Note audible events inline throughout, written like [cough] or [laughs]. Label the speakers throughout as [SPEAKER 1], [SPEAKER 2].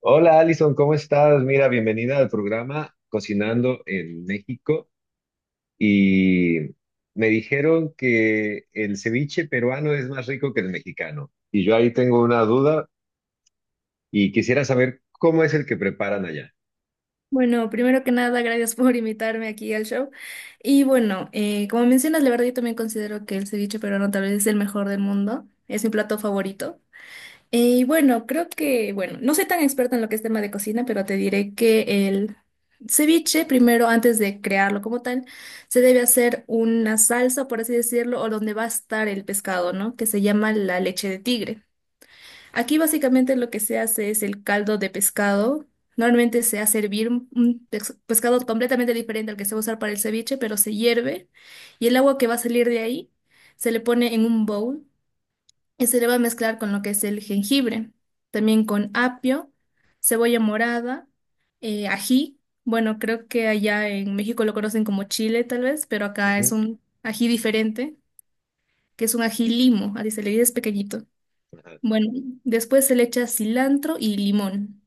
[SPEAKER 1] Hola Alison, ¿cómo estás? Mira, bienvenida al programa Cocinando en México. Y me dijeron que el ceviche peruano es más rico que el mexicano. Y yo ahí tengo una duda y quisiera saber cómo es el que preparan allá.
[SPEAKER 2] Bueno, primero que nada, gracias por invitarme aquí al show. Y bueno, como mencionas, la verdad yo también considero que el ceviche peruano tal vez es el mejor del mundo, es mi plato favorito. Y bueno, creo que, bueno, no soy tan experta en lo que es tema de cocina, pero te diré que el ceviche, primero, antes de crearlo como tal, se debe hacer una salsa, por así decirlo, o donde va a estar el pescado, ¿no? Que se llama la leche de tigre. Aquí básicamente lo que se hace es el caldo de pescado. Normalmente se hace hervir un pescado completamente diferente al que se va a usar para el ceviche, pero se hierve y el agua que va a salir de ahí se le pone en un bowl y se le va a mezclar con lo que es el jengibre, también con apio, cebolla morada, ají. Bueno, creo que allá en México lo conocen como chile tal vez, pero acá es
[SPEAKER 1] Ujú,
[SPEAKER 2] un ají diferente, que es un ají limo, así se le dice, es pequeñito.
[SPEAKER 1] ajá,
[SPEAKER 2] Bueno, después se le echa cilantro y limón.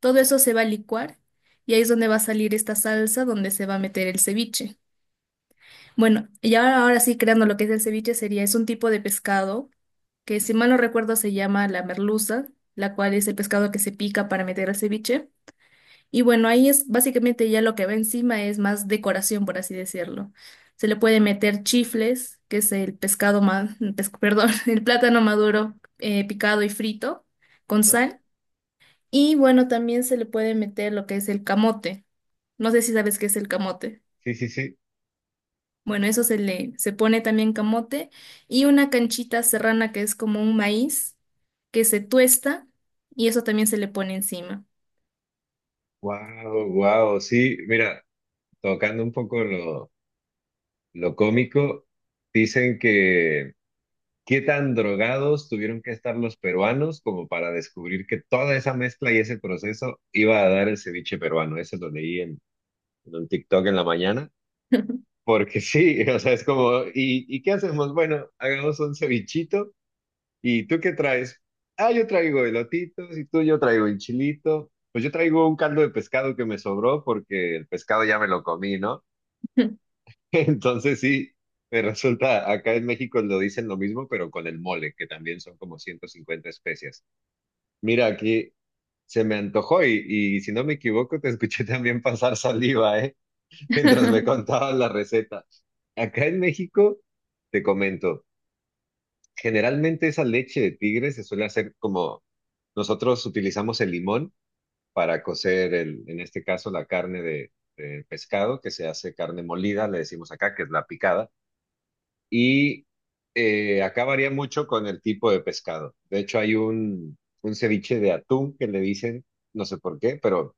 [SPEAKER 2] Todo eso se va a licuar y ahí es donde va a salir esta salsa donde se va a meter el ceviche. Bueno, y ahora sí, creando lo que es el ceviche, sería, es un tipo de pescado que, si mal no recuerdo, se llama la merluza, la cual es el pescado que se pica para meter al ceviche. Y bueno, ahí es básicamente ya lo que va encima es más decoración, por así decirlo. Se le puede meter chifles, que es el pescado, perdón, [laughs] el plátano maduro picado y frito con
[SPEAKER 1] ajá.
[SPEAKER 2] sal. Y bueno, también se le puede meter lo que es el camote. No sé si sabes qué es el camote.
[SPEAKER 1] Sí, sí, sí.
[SPEAKER 2] Bueno, eso se le, se pone también camote y una canchita serrana que es como un maíz que se tuesta y eso también se le pone encima.
[SPEAKER 1] Wow, wow. Sí, mira, tocando un poco lo cómico, dicen que ¿qué tan drogados tuvieron que estar los peruanos como para descubrir que toda esa mezcla y ese proceso iba a dar el ceviche peruano? Eso lo leí en un TikTok en la mañana, porque sí, [laughs] o sea, es como, ¿y qué hacemos? Bueno, hagamos un cevichito, ¿y tú qué traes? Ah, yo traigo elotitos, y tú yo traigo el chilito, pues yo traigo un caldo de pescado que me sobró porque el pescado ya me lo comí, ¿no?
[SPEAKER 2] [laughs]
[SPEAKER 1] Entonces sí, me resulta, acá en México lo dicen lo mismo, pero con el mole, que también son como 150 especias. Mira, aquí se me antojó y si no me equivoco, te escuché también pasar saliva, ¿eh? Mientras me contaban la receta. Acá en México, te comento, generalmente esa leche de tigre se suele hacer como nosotros utilizamos el limón para cocer, el, en este caso, la carne de pescado, que se hace carne molida, le decimos acá, que es la picada y acá varía mucho con el tipo de pescado. De hecho, hay un ceviche de atún que le dicen, no sé por qué, pero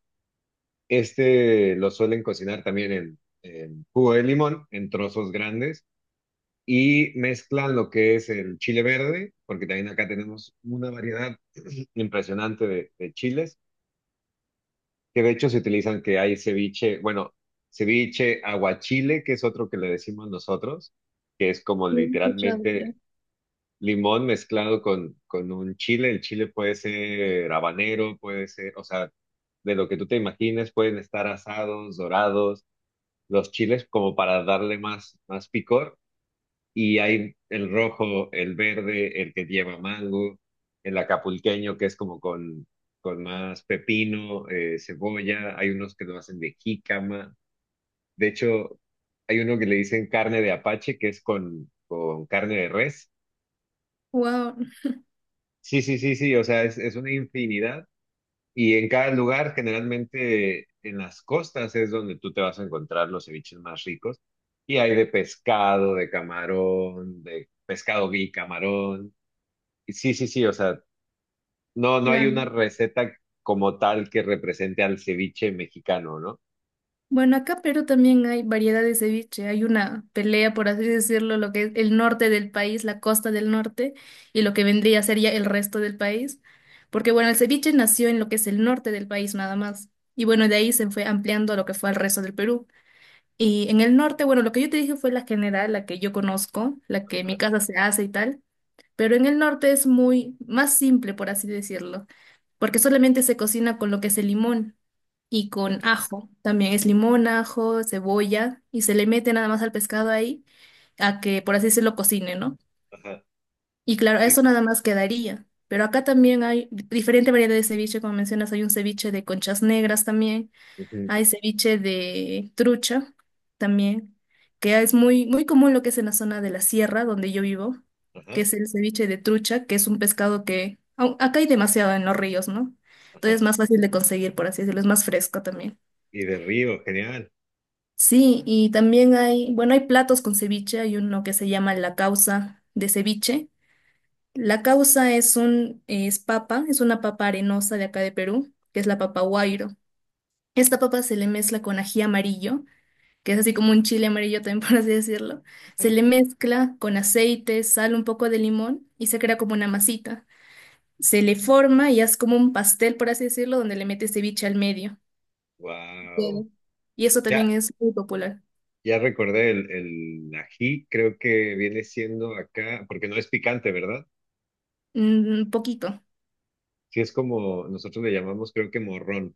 [SPEAKER 1] este lo suelen cocinar también en jugo de limón, en trozos grandes, y mezclan lo que es el chile verde, porque también acá tenemos una variedad impresionante de chiles, que de hecho se utilizan, que hay ceviche, bueno, ceviche aguachile, que es otro que le decimos nosotros, que es como literalmente limón mezclado con un chile. El chile puede ser habanero, puede ser, o sea, de lo que tú te imagines, pueden estar asados, dorados, los chiles como para darle más, más picor. Y hay el rojo, el verde, el que lleva mango, el acapulqueño que es como con más pepino, cebolla. Hay unos que lo hacen de jícama. De hecho, hay uno que le dicen carne de apache, que es con carne de res.
[SPEAKER 2] Wow,
[SPEAKER 1] Sí, sí, sí, sí, o sea, es una infinidad y en cada lugar, generalmente en las costas es donde tú te vas a encontrar los ceviches más ricos y hay de pescado, de camarón, de pescado gui, camarón. Y sí, sí, sí, o sea, no, no hay una
[SPEAKER 2] claro.
[SPEAKER 1] receta como tal que represente al ceviche mexicano, ¿no?
[SPEAKER 2] Bueno, acá pero también hay variedad de ceviche. Hay una pelea, por así decirlo, lo que es el norte del país, la costa del norte, y lo que vendría a ser ya el resto del país. Porque bueno, el ceviche nació en lo que es el norte del país nada más. Y bueno, de ahí se fue ampliando a lo que fue al resto del Perú. Y en el norte, bueno, lo que yo te dije fue la general, la que yo conozco, la que en mi casa se hace y tal. Pero en el norte es muy más simple, por así decirlo, porque solamente se cocina con lo que es el limón y con ajo. También es limón, ajo, cebolla y se le mete nada más al pescado ahí a que por así se lo cocine, ¿no?
[SPEAKER 1] Ajá,
[SPEAKER 2] Y claro,
[SPEAKER 1] sí.
[SPEAKER 2] eso nada más quedaría. Pero acá también hay diferente variedad de ceviche, como mencionas, hay un ceviche de conchas negras también,
[SPEAKER 1] Ujú,
[SPEAKER 2] hay ceviche de trucha también, que es muy, muy común lo que es en la zona de la sierra donde yo vivo, que
[SPEAKER 1] ajá,
[SPEAKER 2] es el ceviche de trucha, que es un pescado que acá hay demasiado en los ríos, ¿no? Entonces
[SPEAKER 1] ajá.
[SPEAKER 2] es más fácil de conseguir, por así decirlo, es más fresco también.
[SPEAKER 1] Y de río, genial.
[SPEAKER 2] Sí, y también hay, bueno, hay platos con ceviche, hay uno que se llama la causa de ceviche. La causa es un, es papa, es una papa arenosa de acá de Perú, que es la papa guairo. Esta papa se le mezcla con ají amarillo, que es así como un chile amarillo también, [laughs] por así decirlo. Se
[SPEAKER 1] Ajá.
[SPEAKER 2] le mezcla con aceite, sal, un poco de limón y se crea como una masita. Se le forma y es como un pastel, por así decirlo, donde le metes ceviche al medio. Queda.
[SPEAKER 1] Wow.
[SPEAKER 2] Y eso también es muy popular.
[SPEAKER 1] Ya recordé, el ají creo que viene siendo acá, porque no es picante, ¿verdad?
[SPEAKER 2] Un poquito.
[SPEAKER 1] Sí es como nosotros le llamamos, creo que morrón,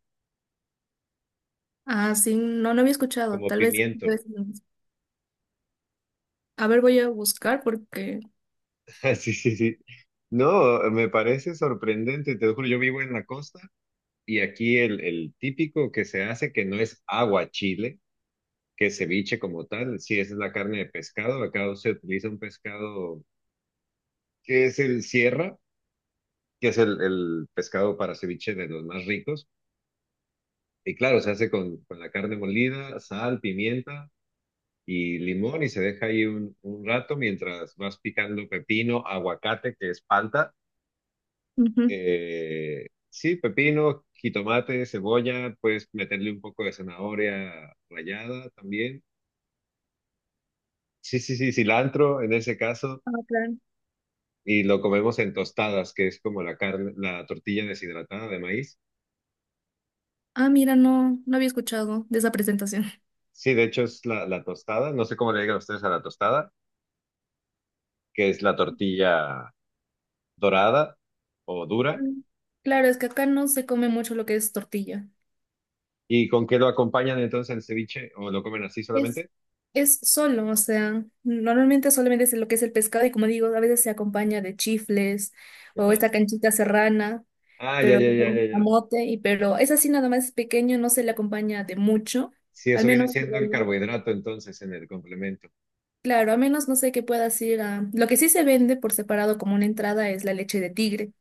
[SPEAKER 2] Ah, sí, no, no había escuchado.
[SPEAKER 1] como
[SPEAKER 2] Tal
[SPEAKER 1] pimiento.
[SPEAKER 2] vez no. A ver, voy a buscar porque.
[SPEAKER 1] [laughs] Ah, sí, sí, sí. No, me parece sorprendente, te lo juro, yo vivo en la costa y aquí el típico que se hace, que no es aguachile, que es ceviche como tal, sí, esa es la carne de pescado, acá se utiliza un pescado que es el sierra, que es el pescado para ceviche de los más ricos. Y claro, se hace con la carne molida, sal, pimienta y limón y se deja ahí un rato mientras vas picando pepino, aguacate, que es palta.
[SPEAKER 2] Ujú.
[SPEAKER 1] Sí, pepino, jitomate, cebolla, puedes meterle un poco de zanahoria rallada también. Sí, sí, sí, cilantro en ese caso.
[SPEAKER 2] Ah, claro.
[SPEAKER 1] Y lo comemos en tostadas, que es como la carne, la tortilla deshidratada de maíz.
[SPEAKER 2] Ah, mira, no, no había escuchado de esa presentación.
[SPEAKER 1] Sí, de hecho es la tostada. No sé cómo le digan ustedes a la tostada, que es la tortilla dorada o dura.
[SPEAKER 2] Mm. Claro, es que acá no se come mucho lo que es tortilla.
[SPEAKER 1] ¿Y con qué lo acompañan entonces el ceviche? ¿O lo comen así
[SPEAKER 2] Es,
[SPEAKER 1] solamente?
[SPEAKER 2] es solo, o sea, normalmente solamente es lo que es el pescado y como digo, a veces se acompaña de chifles o
[SPEAKER 1] Ajá.
[SPEAKER 2] esta canchita serrana,
[SPEAKER 1] Ah, ya,
[SPEAKER 2] pero
[SPEAKER 1] ya, ya,
[SPEAKER 2] con
[SPEAKER 1] ya, ya.
[SPEAKER 2] camote, y pero es así nada más pequeño, no se le acompaña de mucho,
[SPEAKER 1] Sí,
[SPEAKER 2] al
[SPEAKER 1] eso viene
[SPEAKER 2] menos.
[SPEAKER 1] siendo el carbohidrato entonces en el complemento.
[SPEAKER 2] Claro, a menos no sé qué puedas ir a... Lo que sí se vende por separado como una entrada es la leche de tigre,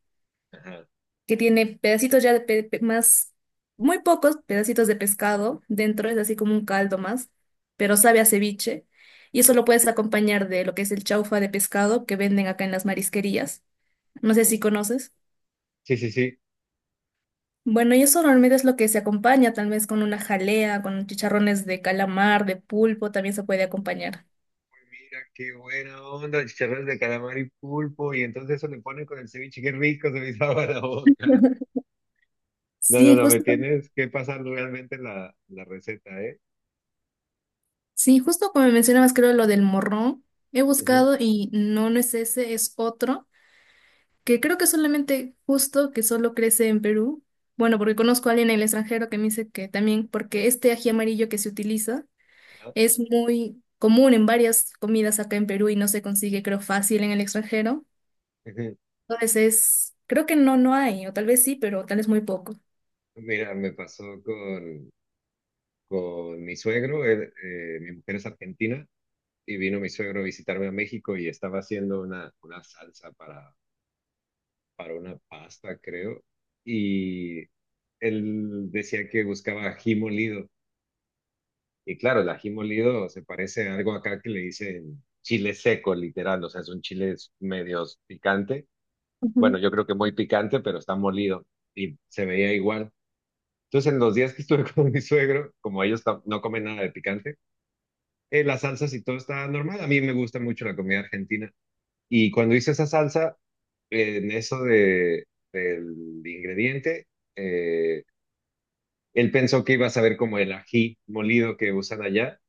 [SPEAKER 1] Ajá.
[SPEAKER 2] que tiene pedacitos ya más, muy pocos pedacitos de pescado dentro, es así como un caldo más, pero sabe a ceviche. Y eso lo puedes acompañar de lo que es el chaufa de pescado que venden acá en las marisquerías. No sé si conoces.
[SPEAKER 1] Sí, sí, sí.
[SPEAKER 2] Bueno, y eso normalmente es lo que se acompaña, tal vez con una jalea, con chicharrones de calamar, de pulpo, también se puede acompañar.
[SPEAKER 1] Uy, mira, qué buena onda, chicharrones de calamar y pulpo, y entonces eso le ponen con el ceviche, qué rico, se me hizo la boca. No, no,
[SPEAKER 2] Sí,
[SPEAKER 1] no, me
[SPEAKER 2] justo.
[SPEAKER 1] tienes que pasar realmente la receta, ¿eh?
[SPEAKER 2] Sí, justo como mencionabas, creo lo del morrón, he
[SPEAKER 1] Ujú.
[SPEAKER 2] buscado y no, no es ese, es otro, que creo que solamente justo que solo crece en Perú. Bueno, porque conozco a alguien en el extranjero que me dice que también, porque este ají amarillo que se utiliza
[SPEAKER 1] Ajá.
[SPEAKER 2] es muy común en varias comidas acá en Perú y no se consigue, creo, fácil en el extranjero.
[SPEAKER 1] Ujú.
[SPEAKER 2] Entonces es, creo que no, no hay, o tal vez sí, pero tal vez muy poco.
[SPEAKER 1] Mira, me pasó con mi suegro, mi mujer es argentina, y vino mi suegro a visitarme a México y estaba haciendo una salsa para una pasta, creo, y él decía que buscaba ají molido. Y claro, el ají molido se parece a algo acá que le dicen chile seco, literal, o sea, son chiles medios picante.
[SPEAKER 2] Ujú.
[SPEAKER 1] Bueno, yo creo que muy picante, pero está molido y se veía igual. Entonces, en los días que estuve [laughs] con mi suegro, como ellos tam- no comen nada de picante, las salsas y todo está normal. A mí me gusta mucho la comida argentina. Y cuando hice esa salsa, en eso de, del ingrediente, eh, él pensó que iba a saber como el ají molido que usan allá.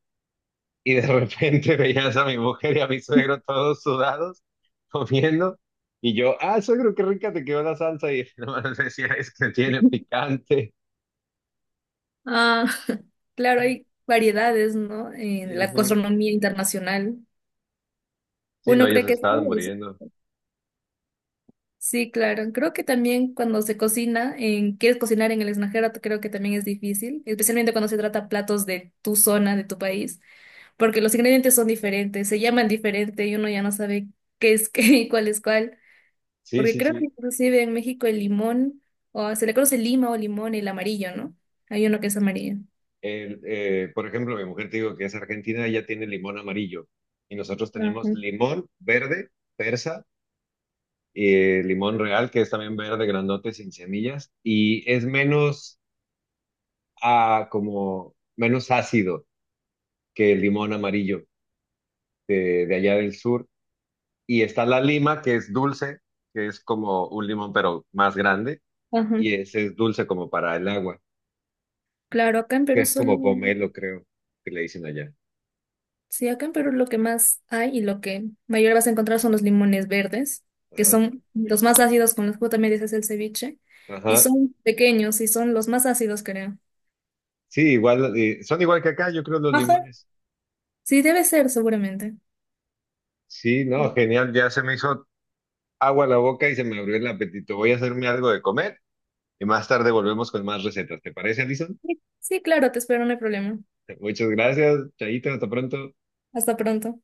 [SPEAKER 1] Y de repente [laughs] veías a mi mujer y a mi suegro todos sudados, comiendo. Y yo, ah, suegro, qué rica te quedó la salsa. Y [laughs] nomás decía, es que tiene picante.
[SPEAKER 2] Ah, [laughs] claro, hay variedades, ¿no? En la
[SPEAKER 1] Ujú.
[SPEAKER 2] gastronomía internacional.
[SPEAKER 1] Sí, no,
[SPEAKER 2] Uno
[SPEAKER 1] ellos
[SPEAKER 2] cree que
[SPEAKER 1] estaban
[SPEAKER 2] sabe eso.
[SPEAKER 1] muriendo.
[SPEAKER 2] Sí, claro. Creo que también cuando se cocina, en, quieres cocinar en el extranjero, creo que también es difícil, especialmente cuando se trata platos de tu zona, de tu país, porque los ingredientes son diferentes, se llaman diferente y uno ya no sabe qué es [laughs] qué y cuál es cuál,
[SPEAKER 1] Sí,
[SPEAKER 2] porque
[SPEAKER 1] sí,
[SPEAKER 2] creo que
[SPEAKER 1] sí.
[SPEAKER 2] inclusive en México el limón, o se le conoce lima o limón, el amarillo, ¿no? Hay uno que es amarillo.
[SPEAKER 1] Por ejemplo, mi mujer te digo que es argentina, ella tiene limón amarillo y nosotros tenemos
[SPEAKER 2] Ajá,
[SPEAKER 1] limón verde, persa, limón real, que es también verde, grandote, sin semillas, y es menos, ah, como, menos ácido que el limón amarillo de allá del sur. Y está la lima, que es dulce, que es como un limón, pero más grande, y
[SPEAKER 2] ajá.
[SPEAKER 1] ese es dulce como para el agua,
[SPEAKER 2] Claro, acá en
[SPEAKER 1] que
[SPEAKER 2] Perú
[SPEAKER 1] es
[SPEAKER 2] solo
[SPEAKER 1] como pomelo, creo, que le dicen allá.
[SPEAKER 2] sí, acá en Perú lo que más hay y lo que mayor vas a encontrar son los limones verdes, que
[SPEAKER 1] Ajá,
[SPEAKER 2] son los más ácidos con los que también dices el ceviche, y
[SPEAKER 1] ajá.
[SPEAKER 2] son pequeños y son los más ácidos, creo.
[SPEAKER 1] Sí, igual, son igual que acá, yo creo los
[SPEAKER 2] Ajá.
[SPEAKER 1] limones.
[SPEAKER 2] Sí, debe ser, seguramente.
[SPEAKER 1] Sí,
[SPEAKER 2] Sí,
[SPEAKER 1] no, genial, ya se me hizo agua la boca y se me abrió el apetito. Voy a hacerme algo de comer y más tarde volvemos con más recetas. ¿Te parece, Alison?
[SPEAKER 2] sí, claro, te espero, no hay problema.
[SPEAKER 1] Muchas gracias, Chaito, hasta pronto.
[SPEAKER 2] Hasta pronto.